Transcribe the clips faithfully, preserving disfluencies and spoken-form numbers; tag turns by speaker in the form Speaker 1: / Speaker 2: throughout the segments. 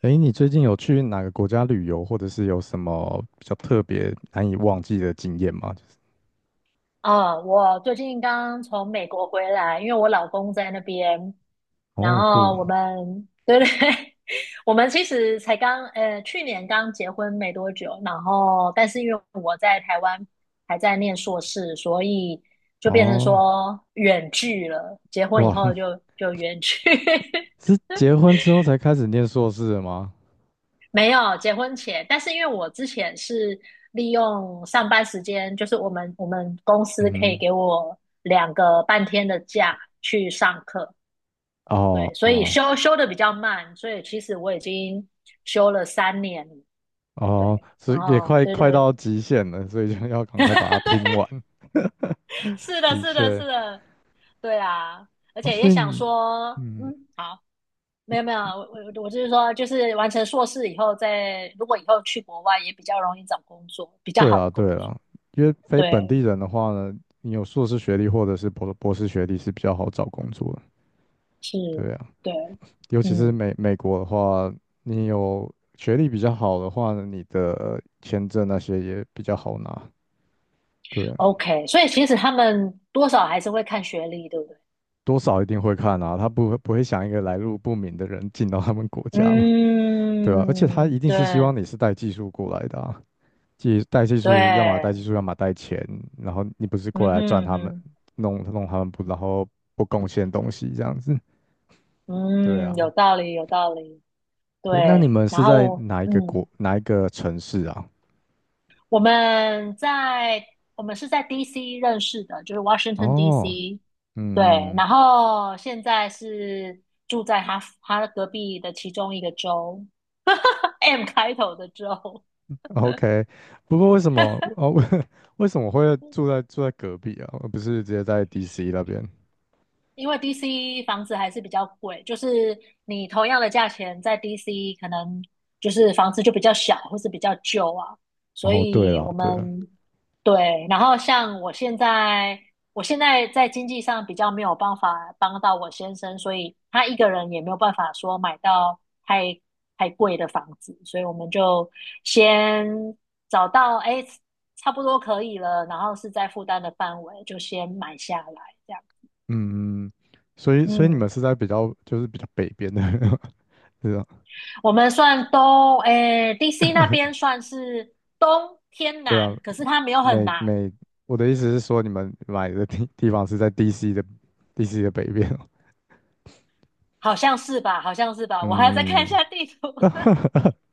Speaker 1: 诶，你最近有去哪个国家旅游，或者是有什么比较特别难以忘记的经验吗？就是
Speaker 2: 啊，我最近刚从美国回来，因为我老公在那边，然
Speaker 1: 哦，酷，
Speaker 2: 后我们，对对，我们其实才刚，呃，去年刚结婚没多久，然后但是因为我在台湾还在念硕士，所以就变成
Speaker 1: 哦，
Speaker 2: 说远距了，结婚以
Speaker 1: 哇，
Speaker 2: 后就 就远距。
Speaker 1: 是结婚之后才开始念硕士的吗？
Speaker 2: 没有结婚前，但是因为我之前是利用上班时间，就是我们我们公司可以
Speaker 1: 嗯
Speaker 2: 给我两个半天的假去上课。
Speaker 1: 哼
Speaker 2: 对，
Speaker 1: 哦
Speaker 2: 所以
Speaker 1: 哦
Speaker 2: 休休的比较慢，所以其实我已经休了三年了。
Speaker 1: 哦，
Speaker 2: 对，
Speaker 1: 是
Speaker 2: 然
Speaker 1: 也
Speaker 2: 后
Speaker 1: 快
Speaker 2: 对
Speaker 1: 快
Speaker 2: 对，
Speaker 1: 到极限了，所以就要赶快把它拼完。
Speaker 2: 是的，
Speaker 1: 的
Speaker 2: 是的，
Speaker 1: 确，
Speaker 2: 是的，对啊。而
Speaker 1: 哦，
Speaker 2: 且也
Speaker 1: 所以
Speaker 2: 想
Speaker 1: 你
Speaker 2: 说，
Speaker 1: 嗯，
Speaker 2: 嗯，好，没有没有，我我我就是说，就是完成硕士以后再，如果以后去国外也比较容易找工作，比较
Speaker 1: 对
Speaker 2: 好的
Speaker 1: 啦
Speaker 2: 工
Speaker 1: 对
Speaker 2: 作。
Speaker 1: 啦，因为非本地
Speaker 2: 对。
Speaker 1: 人的话呢，你有硕士学历或者是博博士学历是比较好找工作的，
Speaker 2: 是，
Speaker 1: 对呀。
Speaker 2: 对，
Speaker 1: 尤其是
Speaker 2: 嗯
Speaker 1: 美美国的话，你有学历比较好的话呢，你的签证那些也比较好拿。对，
Speaker 2: ，OK,所以其实他们多少还是会看学历，对不对？
Speaker 1: 多少一定会看啊，他不会不会想一个来路不明的人进到他们国家嘛，对啊，而且他
Speaker 2: 嗯，
Speaker 1: 一定是希
Speaker 2: 对
Speaker 1: 望你是带技术过来的啊，技带技术，要么带技
Speaker 2: 对，
Speaker 1: 术，要么带钱，然后你不是
Speaker 2: 嗯
Speaker 1: 过来赚
Speaker 2: 哼
Speaker 1: 他们，
Speaker 2: 哼，
Speaker 1: 弄弄他们不，然后不贡献东西这样子，对
Speaker 2: 嗯，有
Speaker 1: 啊，
Speaker 2: 道理，有道理，
Speaker 1: 对，那你
Speaker 2: 对。
Speaker 1: 们
Speaker 2: 然
Speaker 1: 是在
Speaker 2: 后，
Speaker 1: 哪一个国
Speaker 2: 嗯，
Speaker 1: 哪一个城市啊？
Speaker 2: 我们在我们是在 D C 认识的，就是 Washington
Speaker 1: 哦，
Speaker 2: D C,对。
Speaker 1: 嗯嗯。
Speaker 2: 然后现在是住在他他隔壁的其中一个州 ，M 开头的州。
Speaker 1: OK,不过为什么哦？为什么会住在住在隔壁啊？而不是直接在 D C 那边？
Speaker 2: 因为 D C 房子还是比较贵，就是你同样的价钱在 D C 可能就是房子就比较小或是比较旧啊，所
Speaker 1: 哦，对
Speaker 2: 以
Speaker 1: 了，
Speaker 2: 我
Speaker 1: 对了，
Speaker 2: 们，对。然后像我现在，我现在在经济上比较没有办法帮到我先生，所以他一个人也没有办法说买到太太贵的房子，所以我们就先找到，哎，差不多可以了，然后是在负担的范围就先买下来这样，
Speaker 1: 嗯，嗯所以所以你们
Speaker 2: 嗯。
Speaker 1: 是在比较就是比较北边的，对吧？
Speaker 2: 我们算东，诶，D C 那边算是东偏
Speaker 1: 对啊，
Speaker 2: 南，可是它没有很
Speaker 1: 每
Speaker 2: 南。
Speaker 1: 每我的意思是说，你们买的地地方是在 D C 的 D C 的北边哦。
Speaker 2: 好像是吧？好像是吧？我还要再看一
Speaker 1: 嗯，
Speaker 2: 下地图。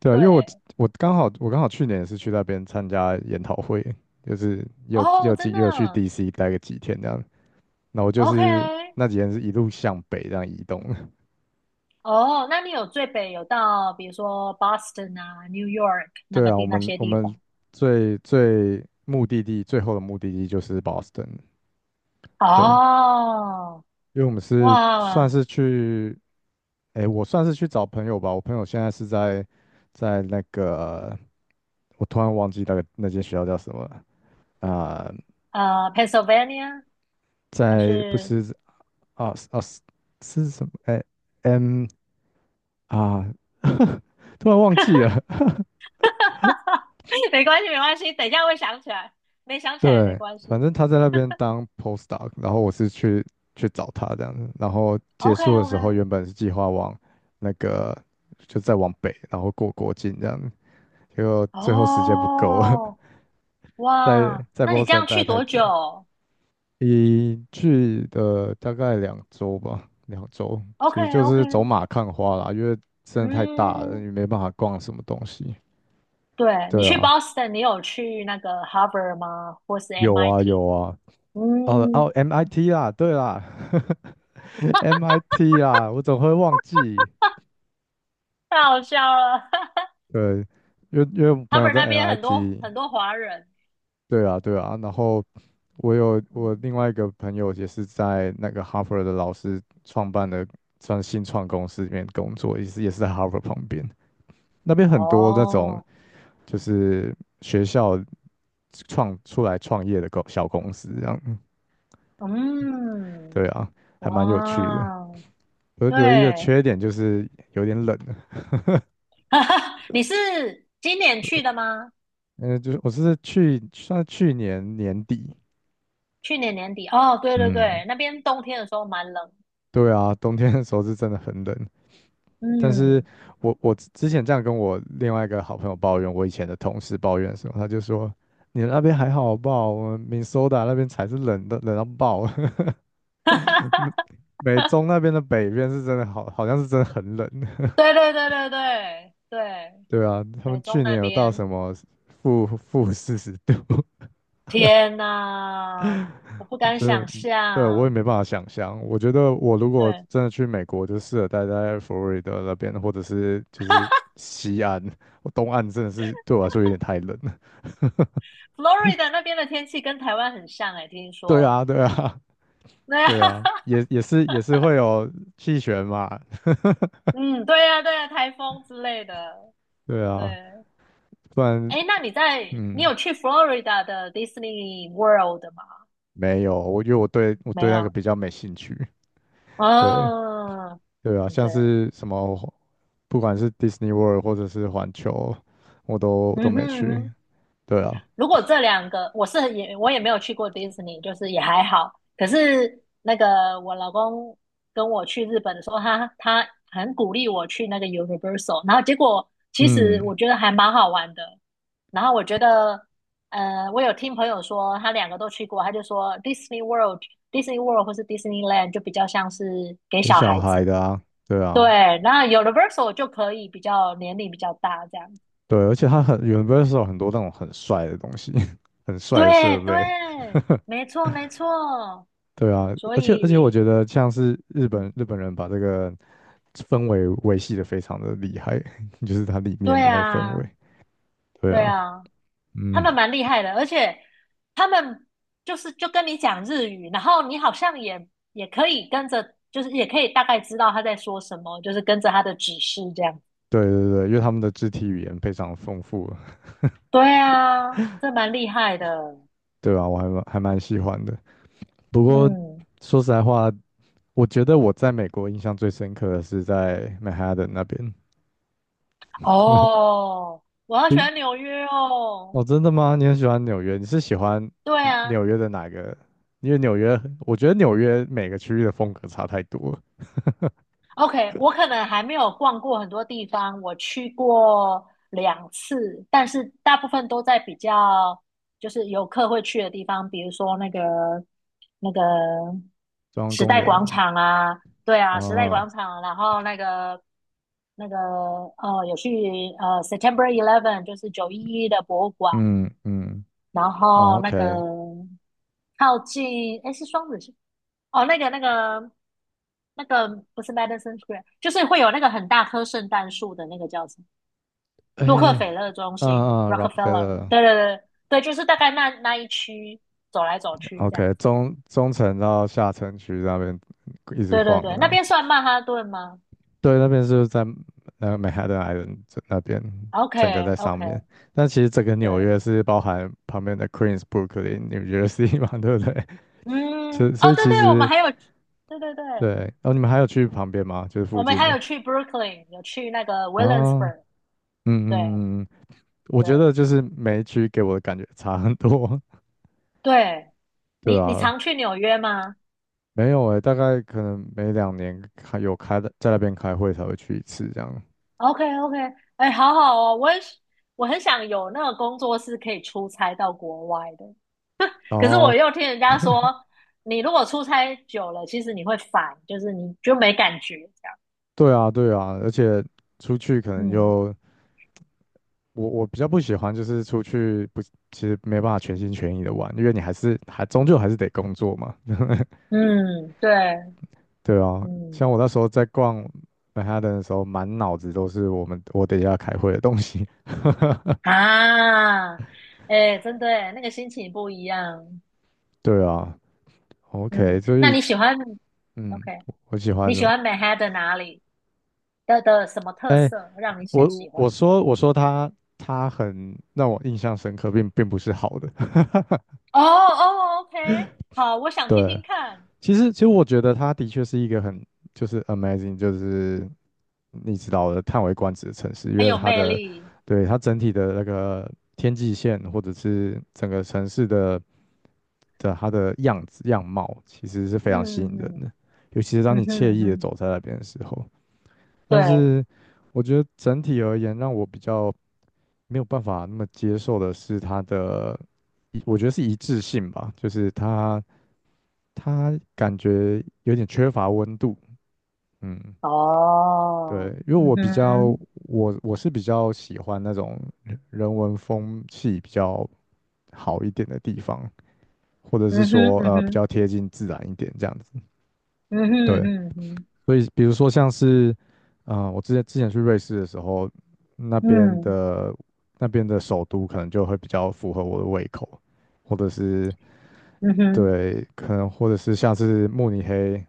Speaker 1: 对啊，因为我
Speaker 2: 对，
Speaker 1: 我刚好我刚好去年也是去那边参加研讨会，就是又又也
Speaker 2: 哦，
Speaker 1: 有
Speaker 2: 真
Speaker 1: 进也有去
Speaker 2: 的
Speaker 1: D C 待个几天这样。那我就是
Speaker 2: ，OK。
Speaker 1: 那几天是一路向北这样移动的
Speaker 2: 哦，那你有最北有到，比如说 Boston 啊、New York 那
Speaker 1: 对
Speaker 2: 个
Speaker 1: 啊，我
Speaker 2: 地那
Speaker 1: 们
Speaker 2: 些
Speaker 1: 我
Speaker 2: 地
Speaker 1: 们
Speaker 2: 方？
Speaker 1: 最最目的地最后的目的地就是 Boston。对，
Speaker 2: 哦，
Speaker 1: 因为我们是算
Speaker 2: 哇，
Speaker 1: 是去，哎，我算是去找朋友吧。我朋友现在是在在那个，我突然忘记那个那间学校叫什么了啊、
Speaker 2: 呃，Pennsylvania 还
Speaker 1: 在不
Speaker 2: 是
Speaker 1: 是啊啊是什么？哎 m 啊，突然忘记了。
Speaker 2: 没关系，没关系，等一下会想起来，没想起来也没
Speaker 1: 对，
Speaker 2: 关
Speaker 1: 反
Speaker 2: 系。
Speaker 1: 正他在那边当 postdoc,然后我是去去找他这样子，然后结束的时候
Speaker 2: OK，OK。
Speaker 1: 原本是计划往那个就再往北，然后过国境这样子，结果最后时间不够了，
Speaker 2: 哦，
Speaker 1: 在
Speaker 2: 哇，
Speaker 1: 在
Speaker 2: 那你这
Speaker 1: Boston
Speaker 2: 样去
Speaker 1: 待太
Speaker 2: 多
Speaker 1: 久，
Speaker 2: 久
Speaker 1: 一去的大概两周吧，两周，其
Speaker 2: ？OK
Speaker 1: 实就
Speaker 2: OK,
Speaker 1: 是走马看花啦，因为真的太大了，
Speaker 2: 嗯，
Speaker 1: 你没办法逛什么东西。
Speaker 2: 对，你
Speaker 1: 对
Speaker 2: 去
Speaker 1: 啊，
Speaker 2: Boston,你有去那个 Harvard 吗？或是
Speaker 1: 有啊有
Speaker 2: M I T?
Speaker 1: 啊，哦哦
Speaker 2: 嗯，
Speaker 1: ，M I T 啦，对啦，M I T 啦，我怎么会忘记。
Speaker 2: 太好笑了
Speaker 1: 对，因为因为我 朋友
Speaker 2: ，Harvard
Speaker 1: 在
Speaker 2: 那边很多
Speaker 1: M I T,
Speaker 2: 很多华人。
Speaker 1: 对啊对啊。然后我有我
Speaker 2: 嗯，
Speaker 1: 另外一个朋友也是在那个 Harvard 的老师创办的算新创公司里面工作，也是也是在 Harvard 旁边。那边很多那种
Speaker 2: 哦，
Speaker 1: 就是学校创出来创业的公小公司这样。
Speaker 2: 嗯，
Speaker 1: 对啊，还
Speaker 2: 哇
Speaker 1: 蛮有趣的。
Speaker 2: 哦，
Speaker 1: 我唯一的
Speaker 2: 对，
Speaker 1: 缺点就是有点冷。
Speaker 2: 你是今年去的吗？
Speaker 1: 嗯，就是我是去算是去年年底，
Speaker 2: 去年年底？哦，对对
Speaker 1: 嗯，
Speaker 2: 对，那边冬天的时候蛮冷。
Speaker 1: 对啊，冬天的时候是真的很冷。但是
Speaker 2: 嗯。
Speaker 1: 我我之之前这样跟我另外一个好朋友抱怨，我以前的同事抱怨的时候，他就说："你那边还好吧？我们 m i n 那边才是冷的，冷到爆。美美中那边的北边是真的好，好像是真的很冷。
Speaker 2: 对对对对对对，
Speaker 1: 对啊，他
Speaker 2: 美
Speaker 1: 们
Speaker 2: 中
Speaker 1: 去
Speaker 2: 那
Speaker 1: 年有到
Speaker 2: 边，
Speaker 1: 什么负负四十度。"
Speaker 2: 天呐，我不
Speaker 1: 我
Speaker 2: 敢
Speaker 1: 真的，
Speaker 2: 想
Speaker 1: 对，我也
Speaker 2: 象。
Speaker 1: 没办法想象。我觉得我如果
Speaker 2: 对
Speaker 1: 真的去美国，就适合待在佛罗里达那边，或者是就是西岸，我东岸真的是对我来说有点太冷了。
Speaker 2: ，Florida 那边的天气跟台湾很像哎、听
Speaker 1: 对
Speaker 2: 说。
Speaker 1: 啊，对啊，
Speaker 2: 对啊，
Speaker 1: 对啊，也也是也是会有气旋嘛，
Speaker 2: 嗯，对呀、对呀、台风之类的。
Speaker 1: 对啊，
Speaker 2: 对，
Speaker 1: 不然
Speaker 2: 哎，那你在你
Speaker 1: 嗯，
Speaker 2: 有去 Florida 的 Disney World 吗？
Speaker 1: 没有，我因为我对我
Speaker 2: 没
Speaker 1: 对那个
Speaker 2: 有。
Speaker 1: 比较没兴趣。对
Speaker 2: 哦，
Speaker 1: 对啊，像
Speaker 2: 对，
Speaker 1: 是什么，不管是 Disney World 或者是环球，我都我都
Speaker 2: 嗯
Speaker 1: 没
Speaker 2: 哼
Speaker 1: 去。
Speaker 2: 嗯。
Speaker 1: 对啊，
Speaker 2: 如果这两个，我是也我也没有去过迪士尼，就是也还好。可是那个我老公跟我去日本的时候，他他很鼓励我去那个 Universal,然后结果其实
Speaker 1: 嗯。
Speaker 2: 我觉得还蛮好玩的。然后我觉得，呃，我有听朋友说他两个都去过，他就说 Disney World、Disney World 或是 Disneyland 就比较像是给
Speaker 1: 有
Speaker 2: 小
Speaker 1: 小
Speaker 2: 孩子，
Speaker 1: 孩的啊，对啊，
Speaker 2: 对。那 Universal 就可以比较年龄比较大这样。
Speaker 1: 对，而且它很 Universal 很多那种很帅的东西，很帅的
Speaker 2: 对
Speaker 1: 设备，
Speaker 2: 对，没错没错，
Speaker 1: 对啊，
Speaker 2: 所
Speaker 1: 而且而且我
Speaker 2: 以，
Speaker 1: 觉得像是日本
Speaker 2: 嗯，
Speaker 1: 日本人把这个氛围维系的非常的厉害，就是它里面
Speaker 2: 对
Speaker 1: 的那个氛围，
Speaker 2: 啊
Speaker 1: 对
Speaker 2: 对
Speaker 1: 啊，
Speaker 2: 啊，他
Speaker 1: 嗯，
Speaker 2: 们蛮厉害的，而且他们就是就跟你讲日语，然后你好像也也可以跟着，就是也可以大概知道他在说什么，就是跟着他的指示这样。
Speaker 1: 对对对，因为他们的肢体语言非常丰富，
Speaker 2: 对啊，这蛮厉害的。
Speaker 1: 对啊，我还蛮还蛮喜欢的。不过
Speaker 2: 嗯，
Speaker 1: 说实在话，我觉得我在美国印象最深刻的是在曼哈顿那边。
Speaker 2: 哦，我好喜欢纽约哦。
Speaker 1: 哦，真的吗？你很喜欢纽约？你是喜欢
Speaker 2: 对
Speaker 1: 嗯
Speaker 2: 啊，
Speaker 1: 纽约的哪个？因为纽约，我觉得纽约每个区域的风格差太多了
Speaker 2: OK,我可能还没有逛过很多地方，我去过两次，但是大部分都在比较就是游客会去的地方，比如说那个那个
Speaker 1: 中央
Speaker 2: 时
Speaker 1: 公
Speaker 2: 代
Speaker 1: 园
Speaker 2: 广场啊，对啊，时代
Speaker 1: 啊，
Speaker 2: 广场，然后那个那个呃，有去呃 September Eleven,就是九一一的博物馆，
Speaker 1: 嗯嗯，
Speaker 2: 然
Speaker 1: 哦
Speaker 2: 后那个
Speaker 1: ，OK,
Speaker 2: 靠近，诶，是双子星。哦，那个那个那个不是 Madison Square,就是会有那个很大棵圣诞树的那个叫什么？洛克
Speaker 1: 哎，
Speaker 2: 菲勒中
Speaker 1: 啊
Speaker 2: 心
Speaker 1: 啊
Speaker 2: （Rockefeller）。
Speaker 1: ，Rockefeller，OK，
Speaker 2: 对对对对，就是大概那那一区走来走去这样子。
Speaker 1: 中中层到下城区那边一直
Speaker 2: 对对
Speaker 1: 晃的
Speaker 2: 对，那
Speaker 1: 呢。
Speaker 2: 边算曼哈顿吗
Speaker 1: 对，那边是在呃 Manhattan i 那边，整个在
Speaker 2: ？OK
Speaker 1: 上
Speaker 2: OK,
Speaker 1: 面。但其实整个纽
Speaker 2: 对，
Speaker 1: 约是包含旁边的 Queens、Brooklyn、New Jersey 嘛，对不对？
Speaker 2: 嗯，
Speaker 1: 所以所
Speaker 2: 哦，
Speaker 1: 以
Speaker 2: 对
Speaker 1: 其
Speaker 2: 对，我们
Speaker 1: 实。
Speaker 2: 还有，对对对，
Speaker 1: 对，然后你们还有去旁边吗？就是附
Speaker 2: 我们
Speaker 1: 近
Speaker 2: 还
Speaker 1: 的
Speaker 2: 有去 Brooklyn,有去那个
Speaker 1: 啊，嗯
Speaker 2: Williamsburg。对
Speaker 1: 嗯嗯，嗯我觉
Speaker 2: 对
Speaker 1: 得就是每一区给我的感觉差很多，
Speaker 2: 对，
Speaker 1: 对
Speaker 2: 你你
Speaker 1: 啊，
Speaker 2: 常去纽约吗？
Speaker 1: 没有诶，大概可能每两年开有开的，在那边开会才会去一次这样。
Speaker 2: OK OK,哎，好好哦，我也是，我很想有那个工作室可以出差到国外的，可是
Speaker 1: 哦，
Speaker 2: 我又听人家说，你如果出差久了，其实你会烦，就是你就没感觉这样。
Speaker 1: 对啊，对啊，而且出去可能
Speaker 2: 嗯
Speaker 1: 就我我比较不喜欢就是出去不，其实没办法全心全意的玩，因为你还是还终究还是得工作嘛。
Speaker 2: 嗯，对，
Speaker 1: 对啊，
Speaker 2: 嗯
Speaker 1: 像我那时候在逛曼哈顿的时候，满脑子都是我们我等一下开会的东西。
Speaker 2: 啊，哎，真的耶，那个心情不一样。
Speaker 1: 对啊，OK,
Speaker 2: 嗯，
Speaker 1: 所
Speaker 2: 那
Speaker 1: 以
Speaker 2: 你喜欢，
Speaker 1: 嗯，
Speaker 2: OK?
Speaker 1: 我喜欢
Speaker 2: 你喜
Speaker 1: 的。
Speaker 2: 欢 Manhattan 哪里的的什么特
Speaker 1: 哎，
Speaker 2: 色让你很喜
Speaker 1: 我
Speaker 2: 欢？
Speaker 1: 我说我说他他很让我印象深刻，并并不是好的。
Speaker 2: 哦哦，OK,好，我想听
Speaker 1: 对，
Speaker 2: 听看，
Speaker 1: 其实，其实我觉得它的确是一个很就是 amazing,就是你知道的叹为观止的城市，因
Speaker 2: 很
Speaker 1: 为
Speaker 2: 有
Speaker 1: 它
Speaker 2: 魅
Speaker 1: 的
Speaker 2: 力。
Speaker 1: 对它整体的那个天际线或者是整个城市的的它的样子样貌，其实是非常吸引
Speaker 2: 嗯
Speaker 1: 人
Speaker 2: 嗯，
Speaker 1: 的，尤其是当
Speaker 2: 嗯
Speaker 1: 你惬
Speaker 2: 哼嗯
Speaker 1: 意的
Speaker 2: 哼，
Speaker 1: 走在那边的时候。但
Speaker 2: 对，
Speaker 1: 是我觉得整体而言，让我比较没有办法那么接受的是它的一我觉得是一致性吧，就是他他感觉有点缺乏温度，嗯，对，
Speaker 2: 哦，
Speaker 1: 因为
Speaker 2: 嗯
Speaker 1: 我比较
Speaker 2: 哼
Speaker 1: 我我是比较喜欢那种人人文风气比较好一点的地方，或者是
Speaker 2: 嗯哼，
Speaker 1: 说
Speaker 2: 嗯
Speaker 1: 呃比
Speaker 2: 哼
Speaker 1: 较贴近自然一点这样子，
Speaker 2: 嗯哼，
Speaker 1: 对。
Speaker 2: 嗯哼
Speaker 1: 所以比如说像是，呃，我之前之前去瑞士的时候，那边
Speaker 2: 嗯，
Speaker 1: 的那边的首都可能就会比较符合我的胃口，或者是
Speaker 2: 嗯哼
Speaker 1: 对，可能或者是像是慕尼黑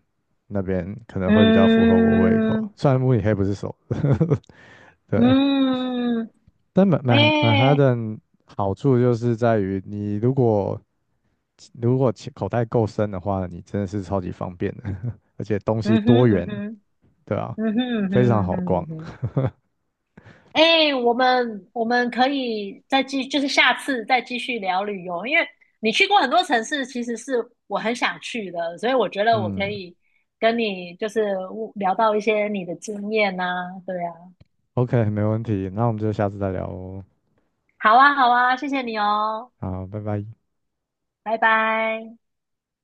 Speaker 1: 那边可能会比较符合我胃口。
Speaker 2: 嗯，
Speaker 1: 虽然慕尼黑不是首，都，对，
Speaker 2: 嗯，
Speaker 1: 但曼曼曼哈
Speaker 2: 哎，
Speaker 1: 顿好处就是在于你如果如果钱口袋够深的话，你真的是超级方便的，而且东西
Speaker 2: 嗯
Speaker 1: 多
Speaker 2: 哼嗯
Speaker 1: 元，
Speaker 2: 哼，
Speaker 1: 对啊，
Speaker 2: 嗯哼嗯
Speaker 1: 非常
Speaker 2: 哼，嗯
Speaker 1: 好
Speaker 2: 哼嗯
Speaker 1: 逛，
Speaker 2: 哼。哎，我们我们可以再继，就是下次再继续聊旅游，因为你去过很多城市，其实是我很想去的，所以我觉得我可
Speaker 1: 嗯。
Speaker 2: 以跟你就是聊到一些你的经验呐、对啊，
Speaker 1: OK,没问题，那我们就下次再聊哦。
Speaker 2: 好啊，好啊，谢谢你哦，
Speaker 1: 好，拜拜。
Speaker 2: 拜拜。